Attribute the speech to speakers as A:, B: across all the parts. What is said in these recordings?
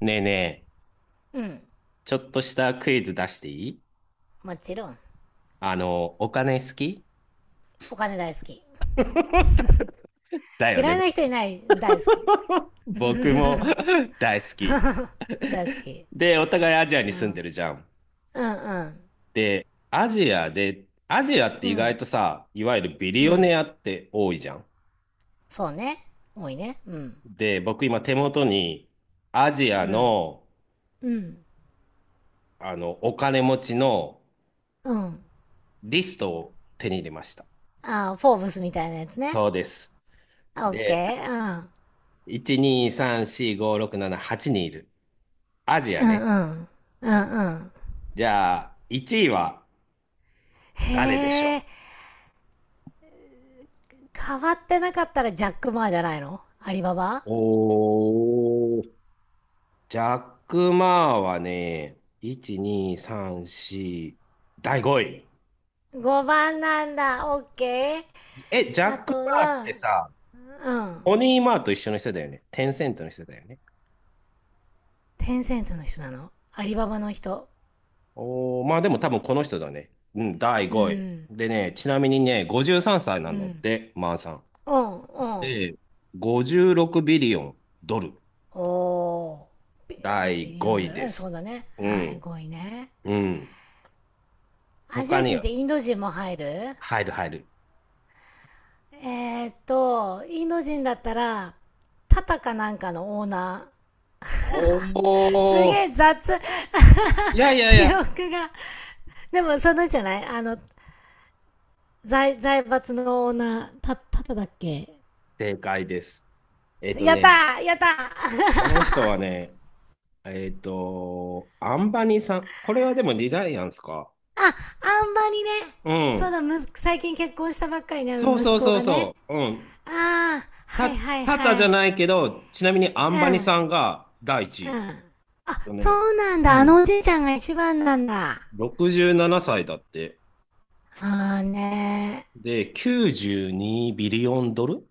A: ねえねえ、
B: うん。
A: ちょっとしたクイズ出していい？
B: もちろん。
A: お金好き？
B: お金大好き。
A: だよ
B: 嫌
A: ね。
B: いな人いない。大好き。
A: 僕も 大好き。
B: 大好き。
A: で、お互いアジアに住んでるじゃん。
B: うんうん。
A: で、アジアで、アジアって
B: う
A: 意外
B: ん。
A: とさ、いわゆるビ
B: う
A: リオ
B: ん。
A: ネアって多いじゃん。
B: そうね。多いね。うん。
A: で、僕今手元にアジア
B: うん。
A: の、
B: うん。
A: あの、お金持ちの
B: うん。
A: リストを手に入れました。
B: ああ、フォーブスみたいなやつね。
A: そうです。
B: オッケ
A: で、
B: ー。うん。
A: 1、2、3、4、5、6、7、8人いる。アジ
B: う
A: ア
B: んう
A: ね。
B: ん。うんうん。
A: じゃあ、1位は誰でし
B: へえ。
A: ょ
B: 変わってなかったらジャック・マーじゃないの、アリババ？
A: う？おー、ジャック・マーはね、1、2、3、4、第5位。
B: 5 番なんだ。オッケー。
A: え、ジャ
B: あ
A: ッ
B: と
A: ク・マーって
B: は、
A: さ、
B: うん。
A: ポニー・マーと一緒の人だよね。テンセントの人だよね。
B: テンセントの人なの、アリババの人？
A: おー、まあでも多分この人だね。うん、第
B: う
A: 5位。
B: ん。
A: でね、ちなみにね、53歳な
B: う
A: んだっ
B: ん。
A: て、マーさん。
B: うんうん、
A: で、56ビリオンドル。
B: おー、ビ
A: 第
B: リヨ
A: 5
B: ン
A: 位
B: ド
A: で
B: ラ、そう
A: す。
B: だね、
A: う
B: はい、
A: ん、
B: ごいね。
A: うん。
B: アジ
A: 他
B: ア
A: に
B: 人っ
A: は、
B: てインド人も入る？
A: 入る、入る。
B: インド人だったらタタかなんかのオーナ
A: お
B: ーすげ
A: お、
B: え雑
A: いやい やい
B: 記
A: や、
B: 憶が、でもそのじゃない、あの財財閥のオーナー、タタタだっけ？
A: 正解です。えっと
B: やった
A: ね、
B: ーやったー
A: この人はね、えっと、アンバニさん。これはでもリライアンスか。
B: ああ、んまりね。
A: う
B: そう
A: ん。
B: だ、む、最近結婚したばっかりね、
A: そうそ
B: 息
A: う
B: 子
A: そう
B: がね。
A: そう。うん。
B: ああ、は
A: た、
B: いはい
A: タタじ
B: は
A: ゃ
B: い。
A: ないけど、ちなみにア
B: うん、
A: ンバニ
B: うん。
A: さんが第一位。えっ
B: あ、
A: と
B: そ
A: ね、
B: うなん
A: う
B: だ。あ
A: ん。
B: のおじいちゃんが一番なんだ。
A: 67歳だって。
B: ああね、
A: で、92ビリオンドル。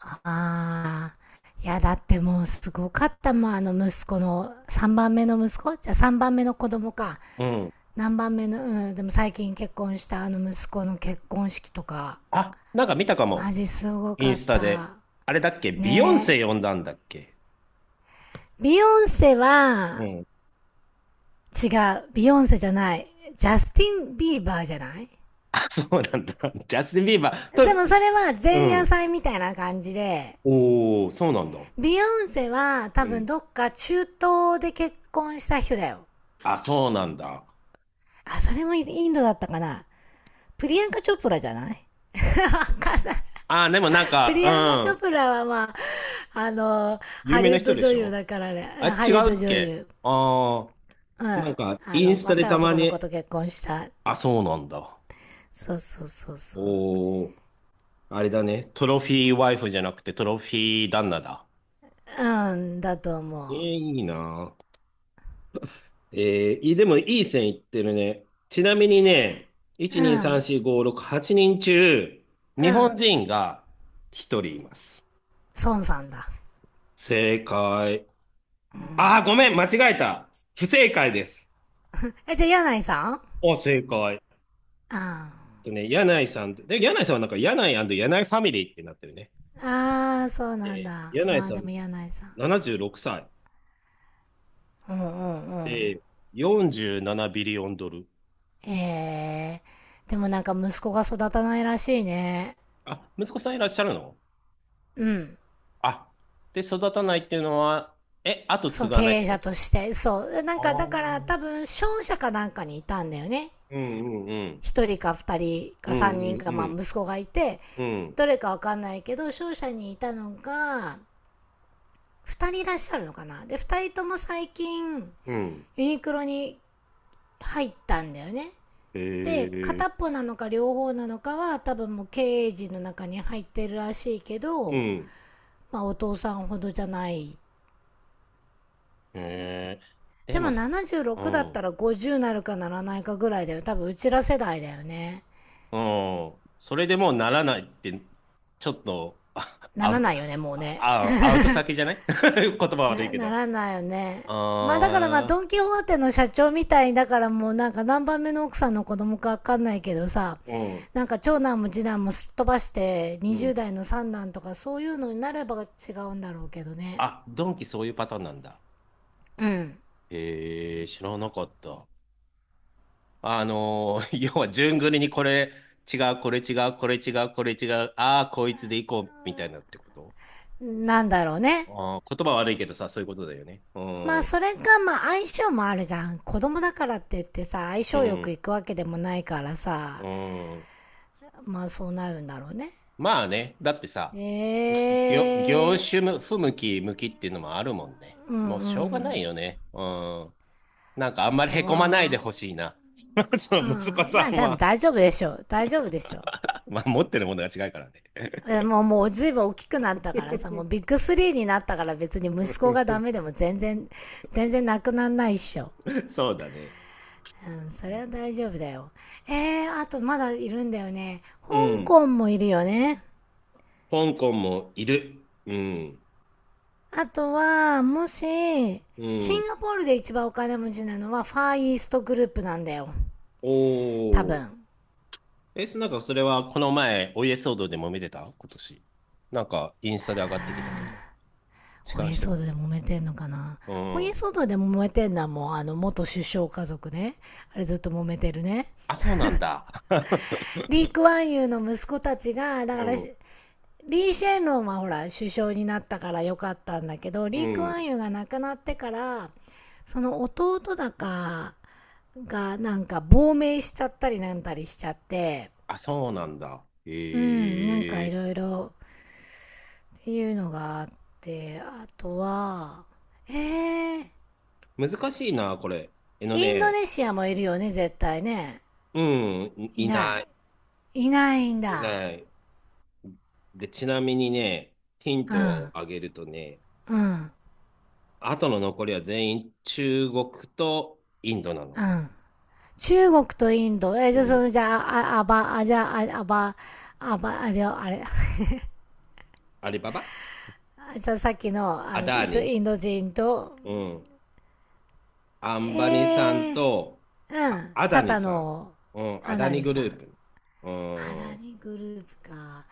B: ーああ。いや、だってもうすごかったもん。あの息子の、3番目の息子、じゃあ3番目の子供か。
A: うん。
B: 何番目の、うん、でも最近結婚したあの息子の結婚式とか。
A: あ、なんか見たか
B: マ
A: も。
B: ジすご
A: イ
B: か
A: ン
B: っ
A: スタで。
B: た。
A: あれだっけ、ビヨン
B: ね
A: セ
B: え。
A: 呼んだんだっけ？
B: ビヨンセ
A: う
B: は、
A: ん。
B: 違う。ビヨンセじゃない。ジャスティン・ビーバーじゃない？
A: あ、そうなんだ。ジャスティン・ビーバー
B: で
A: と、
B: もそれは
A: う
B: 前夜
A: ん。
B: 祭みたいな感じで、
A: おお、そうなんだ。
B: ビヨンセは
A: う
B: 多分
A: ん。
B: どっか中東で結婚した人だよ。
A: あ、そうなんだ。
B: あ、それもインドだったかな。プリアンカ・チョプラじゃない さん。
A: あ、でもなん
B: プ
A: か、
B: リアンカ・チ
A: う
B: ョ
A: ん。
B: プラはまあ、あの、
A: 有
B: ハ
A: 名
B: リウ
A: な
B: ッ
A: 人
B: ド
A: で
B: 女
A: し
B: 優
A: ょ？
B: だからね。
A: あ、違
B: ハリウッド
A: うっ
B: 女
A: け？
B: 優。
A: ああ
B: うん。
A: ー、なんか、
B: あ
A: イン
B: の、
A: スタで
B: 若い
A: たま
B: 男の子
A: に、
B: と結婚した。
A: あ、そうなんだ。
B: そうそうそうそう。
A: おお、あれだね。トロフィーワイフじゃなくてトロフィー旦那だ。
B: うん、だと思
A: えー
B: う。
A: いいなぁ。えーいい、でもいい線いってるね。ちなみにね、1、
B: う
A: 2、3、
B: ん、
A: 4、5、6、8人中、
B: う
A: 日本
B: ん。
A: 人が1人います。
B: 孫さんだ。
A: 正解。
B: う
A: あー、
B: ん、
A: ごめん、間違えた。不正解です。
B: え、じゃあ、柳井さん？
A: お、正解。えっ
B: うん。
A: とね、柳井さん、で、柳井さんはなんか柳井柳井ファミリーってなってるね。
B: ああ、そうなん
A: えー
B: だ。
A: 柳井
B: まあ
A: さ
B: で
A: ん、
B: も柳井さん。
A: 76歳。
B: うんうんうん。
A: で、47ビリオンドル。
B: ええ、でもなんか息子が育たないらしいね。
A: あ、息子さんいらっしゃるの？
B: うん。
A: あ、で、育たないっていうのは、え、後
B: そ
A: 継
B: の
A: が
B: 経
A: ないって
B: 営
A: こ
B: 者と
A: と？
B: して。そう。なん
A: あ
B: か
A: あ、
B: だ
A: う
B: から
A: ん
B: 多分商社かなんかにいたんだよね。
A: うんうん
B: 一人か二人
A: う
B: か
A: ん。う
B: 三人
A: ん
B: か、
A: う
B: まあ
A: ん
B: 息子がいて、
A: うん。うん。
B: どれかわかんないけど、商社にいたのが、二人いらっしゃるのかな。で、二人とも最近、ユニクロに入ったんだよね。で、
A: へえ。
B: 片っぽなのか両方なのかは多分もう経営陣の中に入ってるらしいけ
A: う
B: ど、
A: ん。
B: まあ、お父さんほどじゃない。
A: へえ。で
B: で
A: も、
B: も
A: う
B: 76だった
A: ん。
B: ら50なるかならないかぐらいだよ、多分うちら世代だよね。
A: うん。それでもうならないって、ちょっと、
B: ならないよね、もうね
A: ア ウト先じゃない？ 言葉悪い
B: な、
A: け
B: な
A: ど。
B: らないよね。まあだからまあ
A: ああ、
B: ドン・キホーテの社長みたいだから、もうなんか何番目の奥さんの子供かわかんないけどさ、
A: うん。
B: なんか長男も次男もすっ飛ばして
A: うん。
B: 20代の三男とかそういうのになれば違うんだろうけどね。
A: あ、ドンキそういうパターンなんだ。
B: うん、
A: へえ、知らなかった。あのー 要は順繰りに、これ違う、これ違う、これ違う、これ違う、ああ、こいつでいこう、みたいなってこと？
B: なんだろうね。
A: あー、言葉悪いけどさ、そういうことだよね。う
B: まあ
A: ん、う
B: それがまあ相性もあるじゃん。子供だからって言ってさ、相性よ
A: ん、
B: くいくわけでもないから
A: う
B: さ、
A: ん。
B: まあそうなるんだろうね。
A: まあね、だってさ、業
B: ええ
A: 種不向き、向きっていうのもあるもんね。
B: ー、うんう
A: もうしょうがない
B: ん。
A: よね。うん。なんかあ
B: あ
A: んまり
B: と
A: へこまないで
B: は、
A: ほしいな。そ
B: う
A: の息子
B: ん。ま
A: さ
B: あ
A: ん
B: 多分
A: は。
B: 大丈夫でしょう。大丈夫でしょう。
A: まあ、持ってるものが違うからね。
B: もう、もう随分大きくなったからさ、もうビッ グスリーになったから、別に息子がダメでも全然、全然なくなんないっしょ。
A: そうだね。
B: うん、それは大丈夫だよ。あとまだいるんだよね。
A: う
B: 香
A: ん。
B: 港もいるよね。
A: 香港もいる。うん。
B: あとは、もし、シ
A: うん。
B: ンガポールで一番お金持ちなのはファーイーストグループなんだよ。多
A: おー。
B: 分。
A: え、なんかそれはこの前、お家騒動でも見てた今年。なんか、インスタで上がってきたけど。違
B: お
A: う
B: 家
A: 人か
B: 騒動で
A: な。
B: 揉めてんのかな？
A: う
B: お家
A: ん。
B: 騒動で揉めてんのはもうあの元首相家族ね。あれずっと揉めてるね。
A: あ、そうなんだ。
B: リー・クワンユーの息子たちが、
A: う
B: だから、
A: ん。
B: し、リー・シェンロンはほら首相になったから良かったんだけど、
A: う
B: リー・ク
A: ん。
B: ワンユーが亡くなってから、その弟だかがなんか亡命しちゃったりなんたりしちゃって、
A: あ、そうなんだ。
B: うん、なんか
A: へ
B: い
A: え。
B: ろいろっていうのがあって、あとは、えー、
A: 難しいな、これ。えの
B: インド
A: ね、
B: ネシアもいるよね、絶対ね。
A: うん、
B: いない、いないん
A: い
B: だ。
A: ない。で、ちなみにね、ヒン
B: う
A: トを
B: ん
A: あげるとね、
B: うん
A: 後の残りは全員中国とインドな
B: う
A: の。
B: ん、中国とインド。え、
A: う
B: じゃあ、そ
A: ん。
B: の、じゃあ、あ、あば、あ、じゃあ、あ、あば、あば、あ、じゃあ、あれ。あ、じゃあ、あば、
A: アリババ、
B: あば、あ、じゃあ、あれ、じゃあさっきの、あ
A: ア
B: の、
A: ダー
B: インド、
A: ニ、
B: インド人と、
A: うん。アンバニさん
B: えー、
A: と、
B: う
A: あ、
B: ん。
A: アダ
B: タ
A: ニ
B: タ
A: さん。
B: の、
A: うん、ア
B: ア
A: ダ
B: ダ
A: ニ
B: ニ
A: グ
B: さん。
A: ループ。う
B: ア
A: ん、
B: ダ
A: う
B: ニグループか。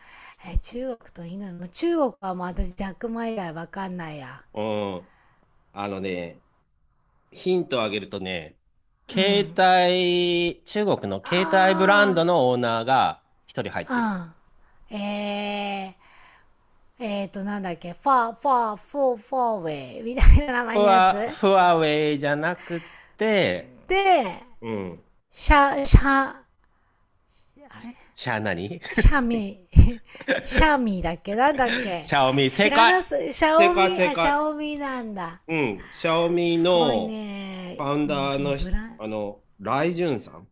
B: え、中国とインド。も、中国はもう私、ジャックマ以外わかんないや。
A: ん。あのね、ヒントをあげるとね、
B: う
A: 携
B: ん。
A: 帯、中国の携帯ブランド
B: あ
A: のオーナーが一人入ってる。
B: あ、うん。なんだっけ、ファー、ファー、フォー、フォーウェイみたいな名前のやつ
A: フワウェイじゃなくて、
B: で、
A: うん。
B: シャ、シャ、あれ、
A: シャー何？
B: シャミ、シャミだっけ、なんだっ け？
A: シャオミ、
B: 知
A: 正
B: ら
A: 解
B: なす、シャ
A: 正
B: オ
A: 解
B: ミ、
A: 正
B: あ、シャ
A: 解。
B: オミなんだ。
A: うん、シャオミ
B: すごい
A: のファ
B: ね。
A: ウン
B: もう
A: ダー
B: その
A: のひ、
B: ブラン、
A: あの、ライジュンさん。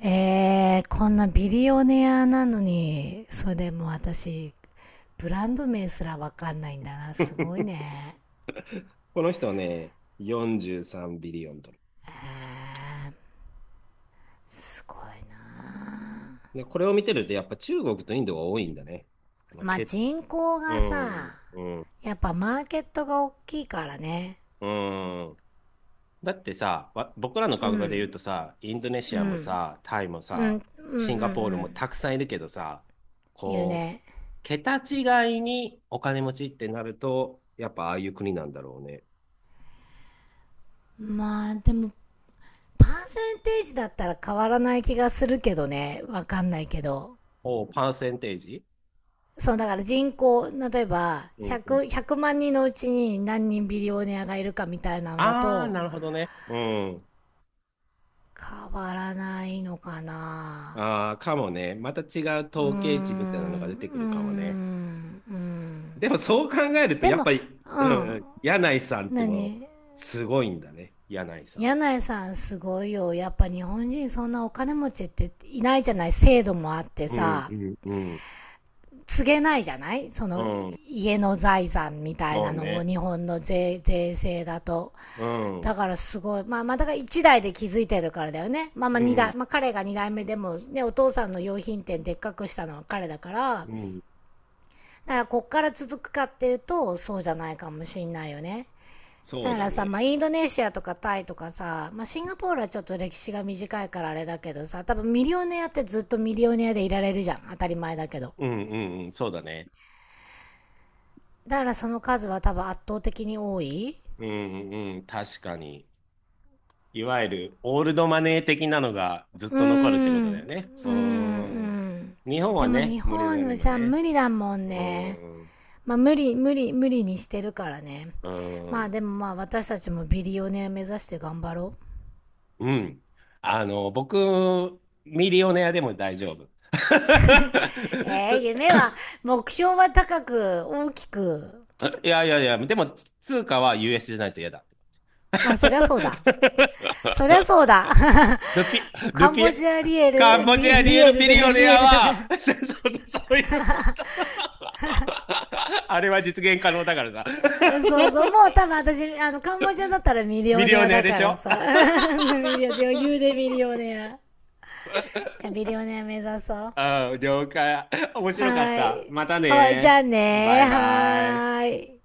B: えー、こんなビリオネアなのに、それでも私、ブランド名すらわかんないんだな。すご いね。
A: この人はね、43ビリオンドル。
B: えー、すごいな。
A: で、これを見てると、やっぱ中国とインドが多いんだね。あの、
B: まあ、
A: け、
B: 人口
A: う
B: がさ、
A: ん、うん、
B: やっぱマーケットが大きいからね。
A: うん。だってさ、僕らの
B: う
A: 感覚で言う
B: ん、
A: とさ、インドネシ
B: うん。
A: ア
B: う
A: も
B: ん、
A: さ、タイも
B: う
A: さ、
B: んうんう
A: シンガポールも
B: ん。
A: たくさんいるけどさ、
B: いる
A: こう、
B: ね。
A: 桁違いにお金持ちってなると、やっぱああいう国なんだろうね。
B: まあでも、パーセンテージだったら変わらない気がするけどね。わかんないけど。
A: おう、パーセンテージ？
B: そう、だから人口、例えば、
A: うん。
B: 100、万人のうちに何人ビリオネアがいるかみたいなのだ
A: ああ、
B: と、
A: なるほどね。うん。
B: 変わらないのかな。
A: ああ、かもね。また違う
B: うーん、う
A: 統計値みたいなのが出てく
B: ー
A: るかもね。
B: ん、うん。
A: でもそう考えると、
B: で
A: やっ
B: も、
A: ぱり、
B: う
A: うんう
B: ん。
A: ん、柳井さんってもう、
B: 何？
A: すごいんだね。柳井さん。
B: 柳井さんすごいよ。やっぱ日本人そんなお金持ちっていないじゃない、制度もあって
A: うん、
B: さ、
A: うん、うん。
B: 告げないじゃない、そ
A: う
B: の
A: ん、
B: 家の財産みたい
A: そ
B: な
A: う
B: のを、
A: ね。
B: 日本の税、税制だと。
A: うん、
B: だ
A: う
B: からすごい。まあまあだから1代で気づいてるからだよね。まあまあ2
A: ん、
B: 代、まあ彼が2代目でもね、お父さんの用品店でっかくしたのは彼だから、
A: うん。
B: だからこっから続くかっていうとそうじゃないかもしんないよね。
A: そ
B: だ
A: う
B: か
A: だ
B: らさ、
A: ね。
B: まあ、インドネシアとかタイとかさ、まあ、シンガポールはちょっと歴史が短いからあれだけどさ、多分ミリオネアってずっとミリオネアでいられるじゃん。当たり前だけど。
A: うん、うん、うん、そうだね。
B: だからその数は多分圧倒的に多い。
A: うん、うん、確かに。いわゆる、オールドマネー的なのがずっ
B: うー
A: と残るってこと
B: ん、
A: だ
B: う
A: よね。
B: ーん、う
A: う
B: ん。
A: ん。日本は
B: でも
A: ね、
B: 日
A: 無理だ
B: 本
A: ね
B: は
A: も
B: さ、
A: ね。
B: 無理だもん
A: うー
B: ね。
A: ん、う
B: まあ無理、無理、無理にしてるからね。
A: ー
B: まあ
A: ん、
B: でもまあ私たちもビリオネア目指して頑張ろう。
A: うん。あの、僕、ミリオネアでも大丈夫。
B: ええ、
A: と、
B: 夢は、目標は高く、大きく。
A: いやいやいや、でも、通貨は US じゃないと嫌だ。
B: あ、そりゃそうだ。そりゃ そうだ。
A: ルピ、
B: もう
A: ル
B: カン
A: ピ、
B: ボジアリエ
A: カン
B: ル、
A: ボジ
B: リ、
A: アリ
B: リ
A: エル
B: エル
A: ビ
B: と
A: リオ
B: リ
A: ネ
B: エ
A: ア
B: ルと
A: は、
B: か。
A: そうそうそうそういう、あれは実現可能だからさ、
B: そうそう、もう多分私、あの、カンボジアだったらミリ
A: ミ
B: オ
A: リ
B: ネ
A: オ
B: ア
A: ネア
B: だ
A: で
B: か
A: し
B: ら
A: ょ？
B: さ。ミリオネア、余裕でミリオネア。いや、ミリオネア目指そう。は
A: うん、了解。面白かった。
B: ーい。
A: また
B: はい、じゃあ
A: ね。バ
B: ね、
A: イ
B: ーは
A: バイ。
B: ーい。